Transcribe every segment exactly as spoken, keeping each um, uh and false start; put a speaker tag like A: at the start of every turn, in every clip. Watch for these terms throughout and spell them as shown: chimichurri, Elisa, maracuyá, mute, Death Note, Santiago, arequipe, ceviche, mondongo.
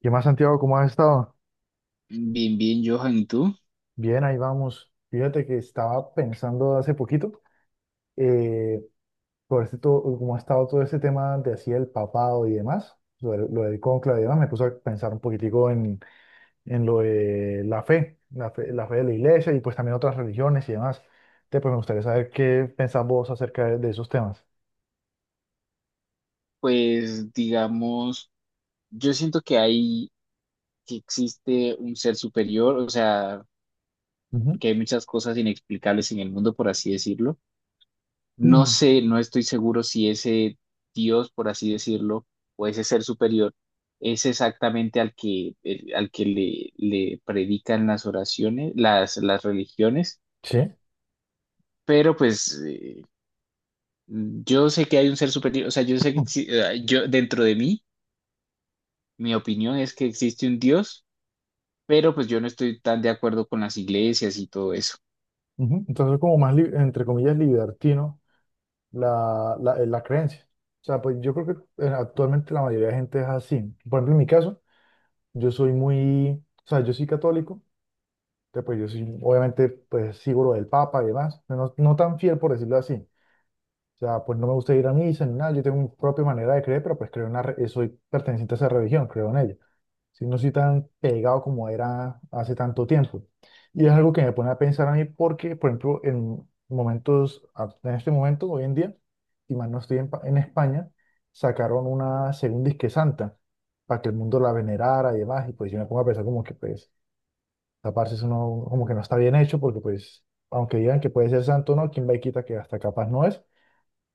A: ¿Qué más, Santiago? ¿Cómo has estado?
B: Bien, bien, Johan, ¿y tú?
A: Bien, ahí vamos. Fíjate que estaba pensando hace poquito, eh, por este todo, cómo ha estado todo ese tema de así el papado y demás, lo, del- lo del cónclave y demás, me puso a pensar un poquitico en, en lo de la fe, la fe, la fe de la iglesia y pues también otras religiones y demás. Entonces, pues me gustaría saber qué pensás vos acerca de, de esos temas.
B: Pues digamos, yo siento que hay, que existe un ser superior, o sea,
A: Ujú.
B: porque hay muchas cosas inexplicables en el mundo, por así decirlo. No
A: Mm.
B: sé, no estoy seguro si ese Dios, por así decirlo, o ese ser superior es exactamente al que, el- al que le, le predican las oraciones, las, las religiones,
A: Sí.
B: pero pues eh, yo sé que hay un ser superior, o sea, yo sé que exi- eh, yo dentro de mí. Mi opinión es que existe un Dios, pero pues yo no estoy tan de acuerdo con las iglesias y todo eso.
A: Ujú. Entonces, como más, li- entre comillas, libertino. la, la, eh, la creencia. O sea, pues yo creo que eh, actualmente la mayoría de gente es así. Por ejemplo, en mi caso, yo soy muy, o sea, yo soy católico, que pues yo soy, obviamente, pues sigo lo del Papa y demás, pero no, no tan fiel por decirlo así. O sea, pues no me gusta ir a misa ni nada, yo tengo mi propia manera de creer, pero pues creo en una, re- soy perteneciente a esa religión, creo en ella si no soy tan pegado como era hace tanto tiempo. Y es algo que me pone a pensar a mí porque, por ejemplo, en momentos, a- en este momento, hoy en día, y más no estoy en, Pa- en España, sacaron una segunda Isque Santa para que el mundo la venerara y demás, y pues yo me pongo a pensar como que pues taparse eso no, como que no está bien hecho porque pues, aunque digan que puede ser santo, o ¿no? ¿Quién va y quita que hasta capaz no es?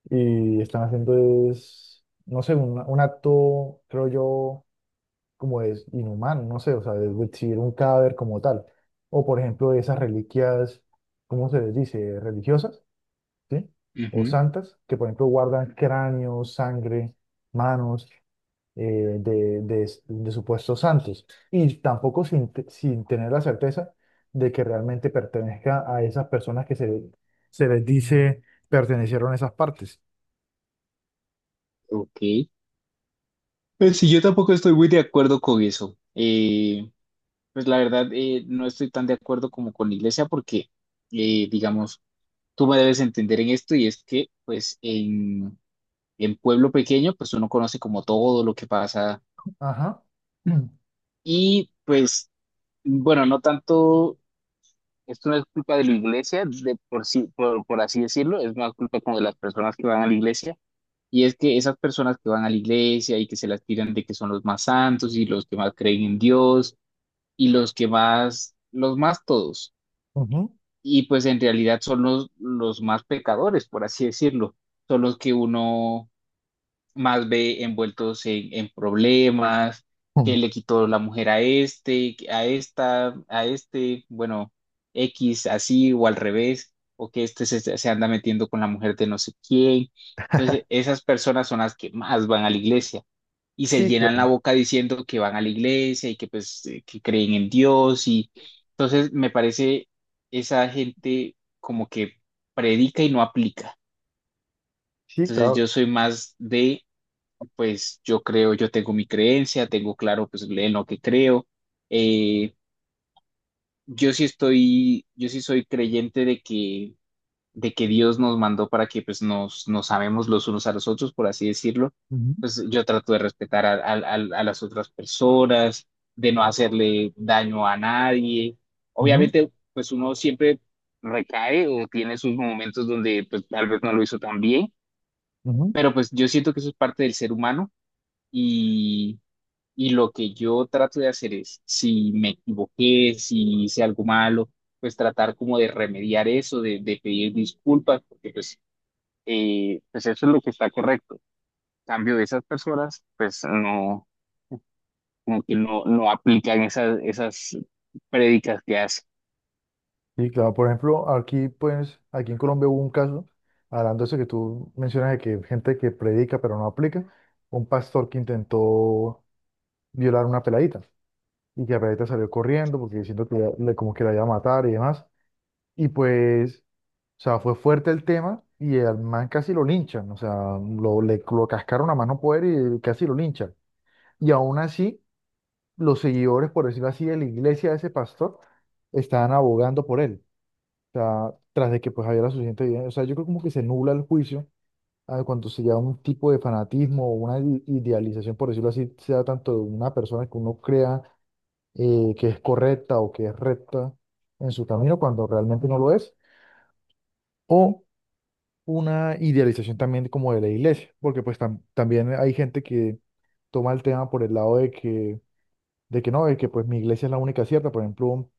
A: Y están haciendo es, no sé, un, un acto, creo yo, como es inhumano, no sé, o sea, exhibir un cadáver como tal. O por ejemplo, esas reliquias, ¿cómo se les dice? Religiosas, ¿sí? O
B: Ujú.
A: santas, que por ejemplo guardan cráneos, sangre, manos eh, de, de- de supuestos santos. Y tampoco sin, te- sin tener la certeza de que realmente pertenezca a esas personas que se, se les dice pertenecieron a esas partes.
B: Ok. Pues sí, yo tampoco estoy muy de acuerdo con eso. Eh, pues la verdad, eh, no estoy tan de acuerdo como con la iglesia porque, eh, digamos, tú me debes entender en esto y es que, pues, en, en pueblo pequeño, pues uno conoce como todo lo que pasa
A: Ajá.
B: y, pues, bueno, no tanto. Esto no es culpa de la iglesia, de por sí, por, por así decirlo, es más culpa como de las personas que van a la iglesia. Y es que esas personas que van a la iglesia y que se las tiran de que son los más santos y los que más creen en Dios y los que más, los más todos.
A: Ujú.
B: Y pues en realidad son los, los más pecadores, por así decirlo. Son los que uno más ve envueltos en, en problemas,
A: Mm.
B: que le quitó la mujer a este, a esta, a este, bueno, X así o al revés, o que este se, se anda metiendo con la mujer de no sé quién. Entonces, esas personas son las que más van a la iglesia y se
A: Sí,
B: llenan la
A: claro.
B: boca diciendo que van a la iglesia y que pues eh, que creen en Dios y entonces me parece esa gente como que predica y no aplica.
A: Sí,
B: Entonces yo
A: claro.
B: soy más de pues yo creo, yo tengo mi creencia, tengo claro pues en lo que creo. Eh, yo sí estoy, yo sí soy creyente de que, de que Dios nos mandó para que pues nos, nos amemos los unos a los otros, por así decirlo.
A: Ujú,
B: Pues yo trato de respetar a, a, a a las otras personas, de no hacerle daño a nadie.
A: ujú.
B: Obviamente, pues uno siempre recae o tiene sus momentos donde pues tal vez no lo hizo tan bien,
A: Ujú.
B: pero pues yo siento que eso es parte del ser humano. Y lo que yo trato de hacer es, si me equivoqué, si hice algo malo, pues tratar como de remediar eso, de, de pedir disculpas, porque pues, eh, pues eso es lo que está correcto. En cambio de esas personas, pues no, como que no, no aplican esas, esas prédicas que hacen.
A: Sí, claro, por ejemplo, aquí pues, aquí en Colombia hubo un caso, hablando de eso que tú mencionas de que gente que predica pero no aplica, un pastor que intentó violar a una peladita y que la peladita salió corriendo porque diciendo que le- como que la iba a matar y demás. Y pues, o sea, fue fuerte el tema y al man casi lo linchan, o sea, lo, le, lo cascaron a más no poder y casi lo linchan. Y aún así, los seguidores, por decirlo así, de la iglesia de ese pastor, estaban abogando por él. O sea, tras de que pues había la suficiente evidencia. O sea, yo creo como que se nubla el juicio a cuando se lleva un tipo de fanatismo o una i- idealización, por decirlo así, sea tanto de una persona que uno crea eh, que es correcta o que es recta en su camino cuando realmente no lo es, o una idealización también como de la iglesia, porque pues tam- también hay gente que toma el tema por el lado de que, de que no, de que pues mi iglesia es la única cierta, por ejemplo,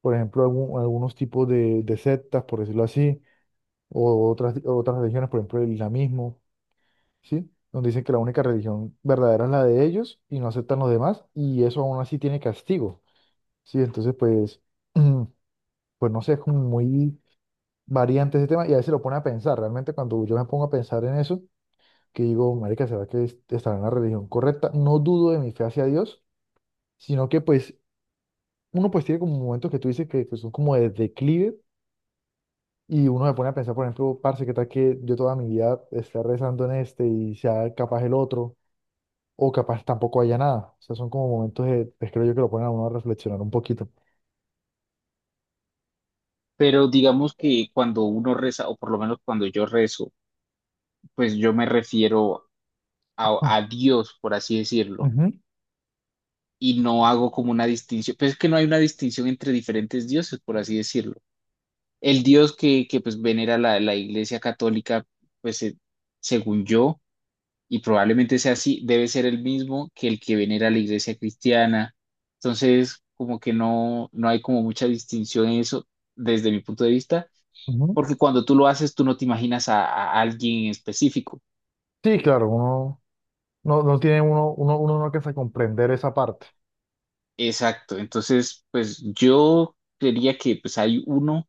A: por ejemplo, algún- algunos tipos de, de sectas, por decirlo así o otras, otras religiones, por ejemplo el islamismo, ¿sí? Donde dicen que la única religión verdadera es la de ellos y no aceptan los demás y eso aún así tiene castigo, ¿sí? Entonces, pues, pues no sé, es como muy variante ese tema y a veces lo pone a pensar, realmente cuando yo me pongo a pensar en eso, que digo, marica, ¿será que es- estará en la religión correcta? No dudo de mi fe hacia Dios, sino que pues uno pues tiene como momentos que tú dices que pues, son como de declive. Y uno se pone a pensar, por ejemplo, parce, ¿qué tal que yo toda mi vida esté rezando en este y sea capaz el otro? O capaz tampoco haya nada. O sea, son como momentos de, pues, creo yo que lo ponen a uno a reflexionar un poquito.
B: Pero digamos que cuando uno reza, o por lo menos cuando yo rezo, pues yo me refiero a,
A: Ah,
B: a Dios, por así decirlo.
A: ujú,
B: Y no hago como una distinción, pues es que no hay una distinción entre diferentes dioses, por así decirlo. El dios que, que pues venera la, la Iglesia Católica, pues eh, según yo, y probablemente sea así, debe ser el mismo que el que venera la Iglesia Cristiana. Entonces, como que no, no hay como mucha distinción en eso desde mi punto de vista,
A: ujú.
B: porque cuando tú lo haces, tú no te imaginas a, a alguien en específico.
A: Sí, claro, uno no, no tiene uno, uno, uno no alcanza a comprender esa parte.
B: Exacto, entonces, pues yo creería que pues hay uno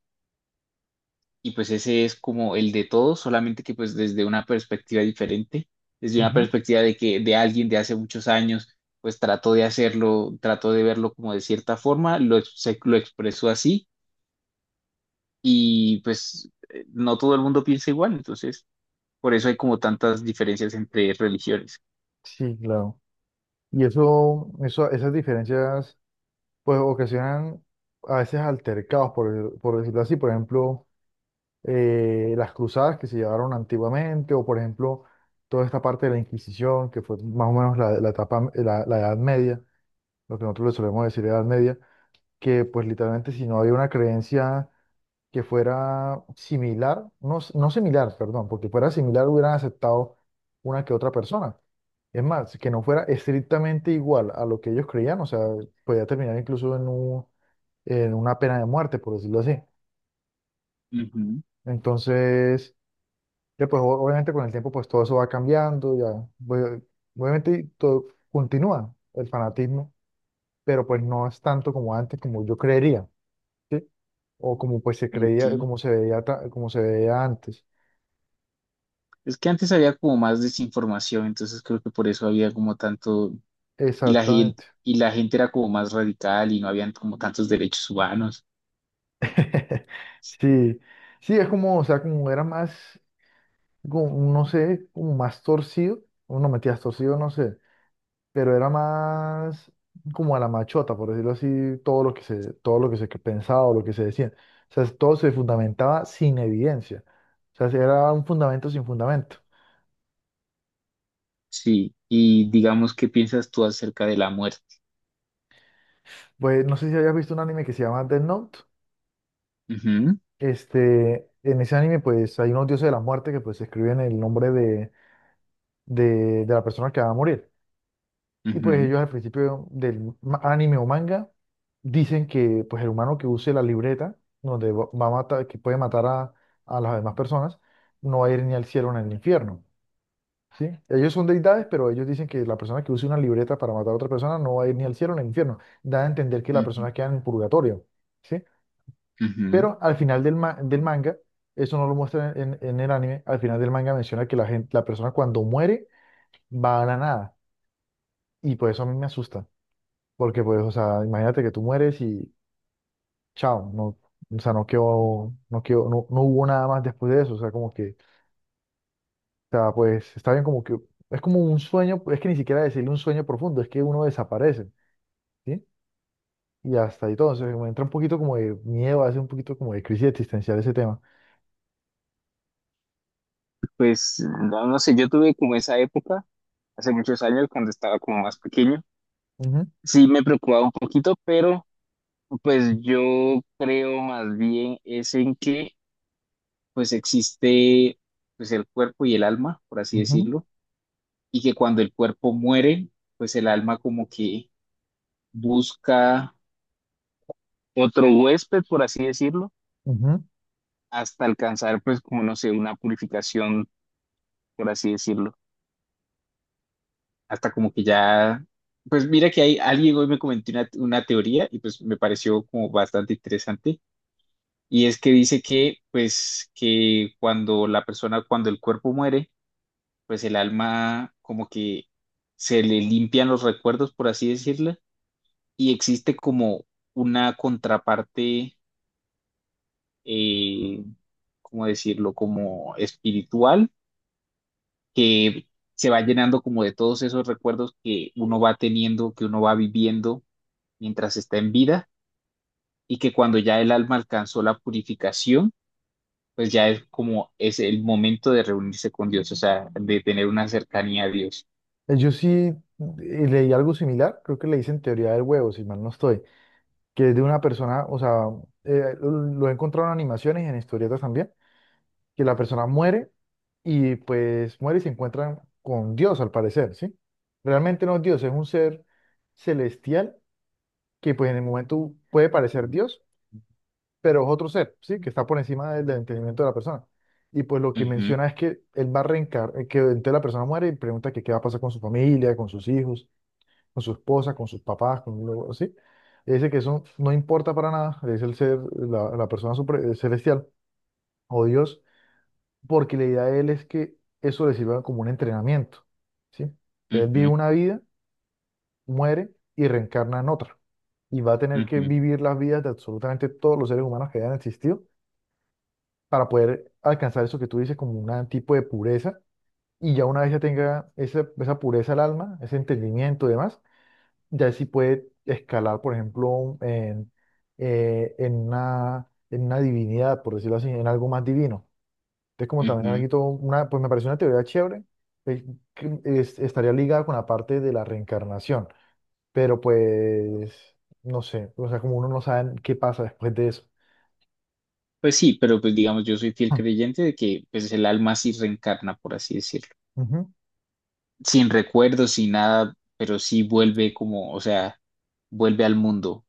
B: y pues ese es como el de todos, solamente que pues desde una perspectiva diferente, desde una
A: Ujú.
B: perspectiva de que de alguien de hace muchos años, pues trató de hacerlo, trató de verlo como de cierta forma, lo, ex- se- lo expresó así y pues eh, no todo el mundo piensa igual, entonces por eso hay como tantas diferencias entre religiones.
A: Sí, claro. Y eso, eso, esas diferencias, pues ocasionan a veces altercados, por, por decirlo así. Por ejemplo, eh, las cruzadas que se llevaron antiguamente, o por ejemplo, toda esta parte de la Inquisición, que fue más o menos la, la etapa, la, la Edad Media, lo que nosotros le solemos decir Edad Media, que pues literalmente si no había una creencia que fuera similar, no, s- no similar, perdón, porque fuera similar hubieran aceptado una que otra persona. Es más, que no fuera estrictamente igual a lo que ellos creían, o sea, podía terminar incluso en un- en una pena de muerte, por decirlo así.
B: Ujú,
A: Entonces, ya, pues o- obviamente con el tiempo pues todo eso va cambiando, ya. Pues, obviamente todo, continúa el fanatismo, pero pues no es tanto como antes, como yo creería, ¿sí? O como pues se creía,
B: ok.
A: como se veía, ta- como se veía antes.
B: Es que antes había como más desinformación, entonces creo que por eso había como tanto, y la gente,
A: Exactamente.
B: y la gente era como más radical y no habían como tantos derechos humanos.
A: Sí, sí, es como, o sea, como era más, como, no sé, como más torcido, o no metías torcido, no sé. Pero era más como a la machota, por decirlo así, todo lo que se, todo lo que se pensaba o lo que se decía. O sea, todo se fundamentaba sin evidencia. O sea, era un fundamento sin fundamento.
B: Sí, y digamos, ¿qué piensas tú acerca de la muerte?
A: Pues no sé si hayas visto un anime que se llama Death Note.
B: Ujú,
A: Este, en ese anime, pues hay unos dioses de la muerte que pues escriben el nombre de, de, de la persona que va a morir. Y pues
B: ujú,
A: ellos al principio del ma- anime o manga dicen que pues el humano que use la libreta donde va va a matar, que puede matar a, a las demás personas, no va a ir ni al cielo ni al infierno, ¿sí? Ellos son deidades, pero ellos dicen que la persona que use una libreta para matar a otra persona no va a ir ni al cielo ni al infierno. Da a entender que la
B: ujú,
A: persona queda en el purgatorio, ¿sí?
B: ujú.
A: Pero al final del, ma- del manga, eso no lo muestra en, en el anime, al final del manga menciona que la gente, la persona cuando muere va a la nada. Y pues eso a mí me asusta. Porque pues, o sea, imagínate que tú mueres y chao, no, o sea, no quedó, no quedó, no, no hubo nada más después de eso, o sea, como que, o sea, pues está bien como que, es como un sueño, es que ni siquiera decirle un sueño profundo, es que uno desaparece, ¿sí? Y hasta ahí todo, entonces me entra un poquito como de miedo, hace un poquito como de crisis existencial ese tema.
B: Pues no, no sé, yo tuve como esa época, hace muchos años, cuando estaba como más pequeño.
A: Ujú,
B: Sí, me preocupaba un poquito, pero pues yo creo más bien es en que pues existe pues el cuerpo y el alma, por así
A: ujú,
B: decirlo, y que cuando el cuerpo muere, pues el alma como que busca otro huésped, por así decirlo,
A: ujú.
B: hasta alcanzar, pues, como no sé, una purificación, por así decirlo, hasta como que ya, pues mira que hay alguien hoy me comentó una, una teoría y pues me pareció como bastante interesante, y es que dice que, pues, que cuando la persona, cuando el cuerpo muere, pues el alma como que se le limpian los recuerdos, por así decirlo, y existe como una contraparte, eh, ¿cómo decirlo? Como espiritual, que se va llenando como de todos esos recuerdos que uno va teniendo, que uno va viviendo mientras está en vida y que cuando ya el alma alcanzó la purificación, pues ya es como es el momento de reunirse con Dios, o sea, de tener una cercanía a Dios.
A: Eh, Yo sí eh, leí algo similar, creo que le dicen teoría del huevo, si mal no estoy, que es de una persona, o sea, eh, lo lo he encontrado en animaciones y en historietas también que la persona muere y pues muere y se encuentran con Dios al parecer, ¿sí? Realmente no es Dios, es un ser celestial que pues en el momento puede parecer Dios, pero es otro ser, ¿sí? Que está por encima del, del entendimiento de la persona. Y pues lo que
B: Ujú,
A: menciona es que él va a reencarnar, que entonces la persona muere y pregunta que qué va a pasar con su familia, con sus hijos, con su esposa, con sus papás, con lo así. Y dice que eso no importa para nada, es el ser, la, la persona supre- celestial o Dios porque la idea de él es que eso le sirva como un entrenamiento, ¿sí? Entonces él vive una vida, muere y reencarna en otra. Y va a tener
B: ujú,
A: que
B: ujú,
A: vivir las vidas de absolutamente todos los seres humanos que hayan existido para poder alcanzar eso que tú dices como un tipo de pureza. Y ya una vez ya tenga esa, esa pureza al alma, ese entendimiento y demás, ya sí puede escalar, por ejemplo, en, eh, en una, en una divinidad, por decirlo así, en algo más divino. Entonces, como también aquí
B: ujú.
A: todo una, pues me pareció una teoría chévere, eh, que es- estaría ligada con la parte de la reencarnación, pero pues, no sé, o sea, como uno no sabe qué pasa después de eso.
B: Pues sí, pero pues digamos, yo soy fiel creyente de que pues el alma sí reencarna, por así decirlo,
A: Hmm. Ujú.
B: sin recuerdos, sin nada, pero sí vuelve como, o sea, vuelve al mundo.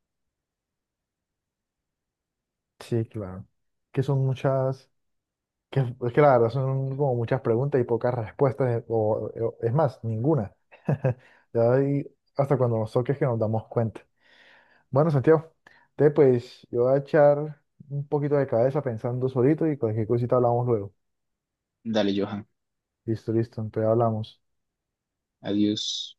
A: Sí, claro. Que son muchas, que es que la verdad son como muchas preguntas y pocas respuestas, o, o- es más, ninguna. Ya ahí, hasta cuando nos toques que nos damos cuenta. Bueno, Santiago, entonces pues yo voy a echar un poquito de cabeza pensando solito y cualquier cosita hablamos luego.
B: Dale, Johan.
A: Listo, listo, entonces hablamos.
B: Adiós.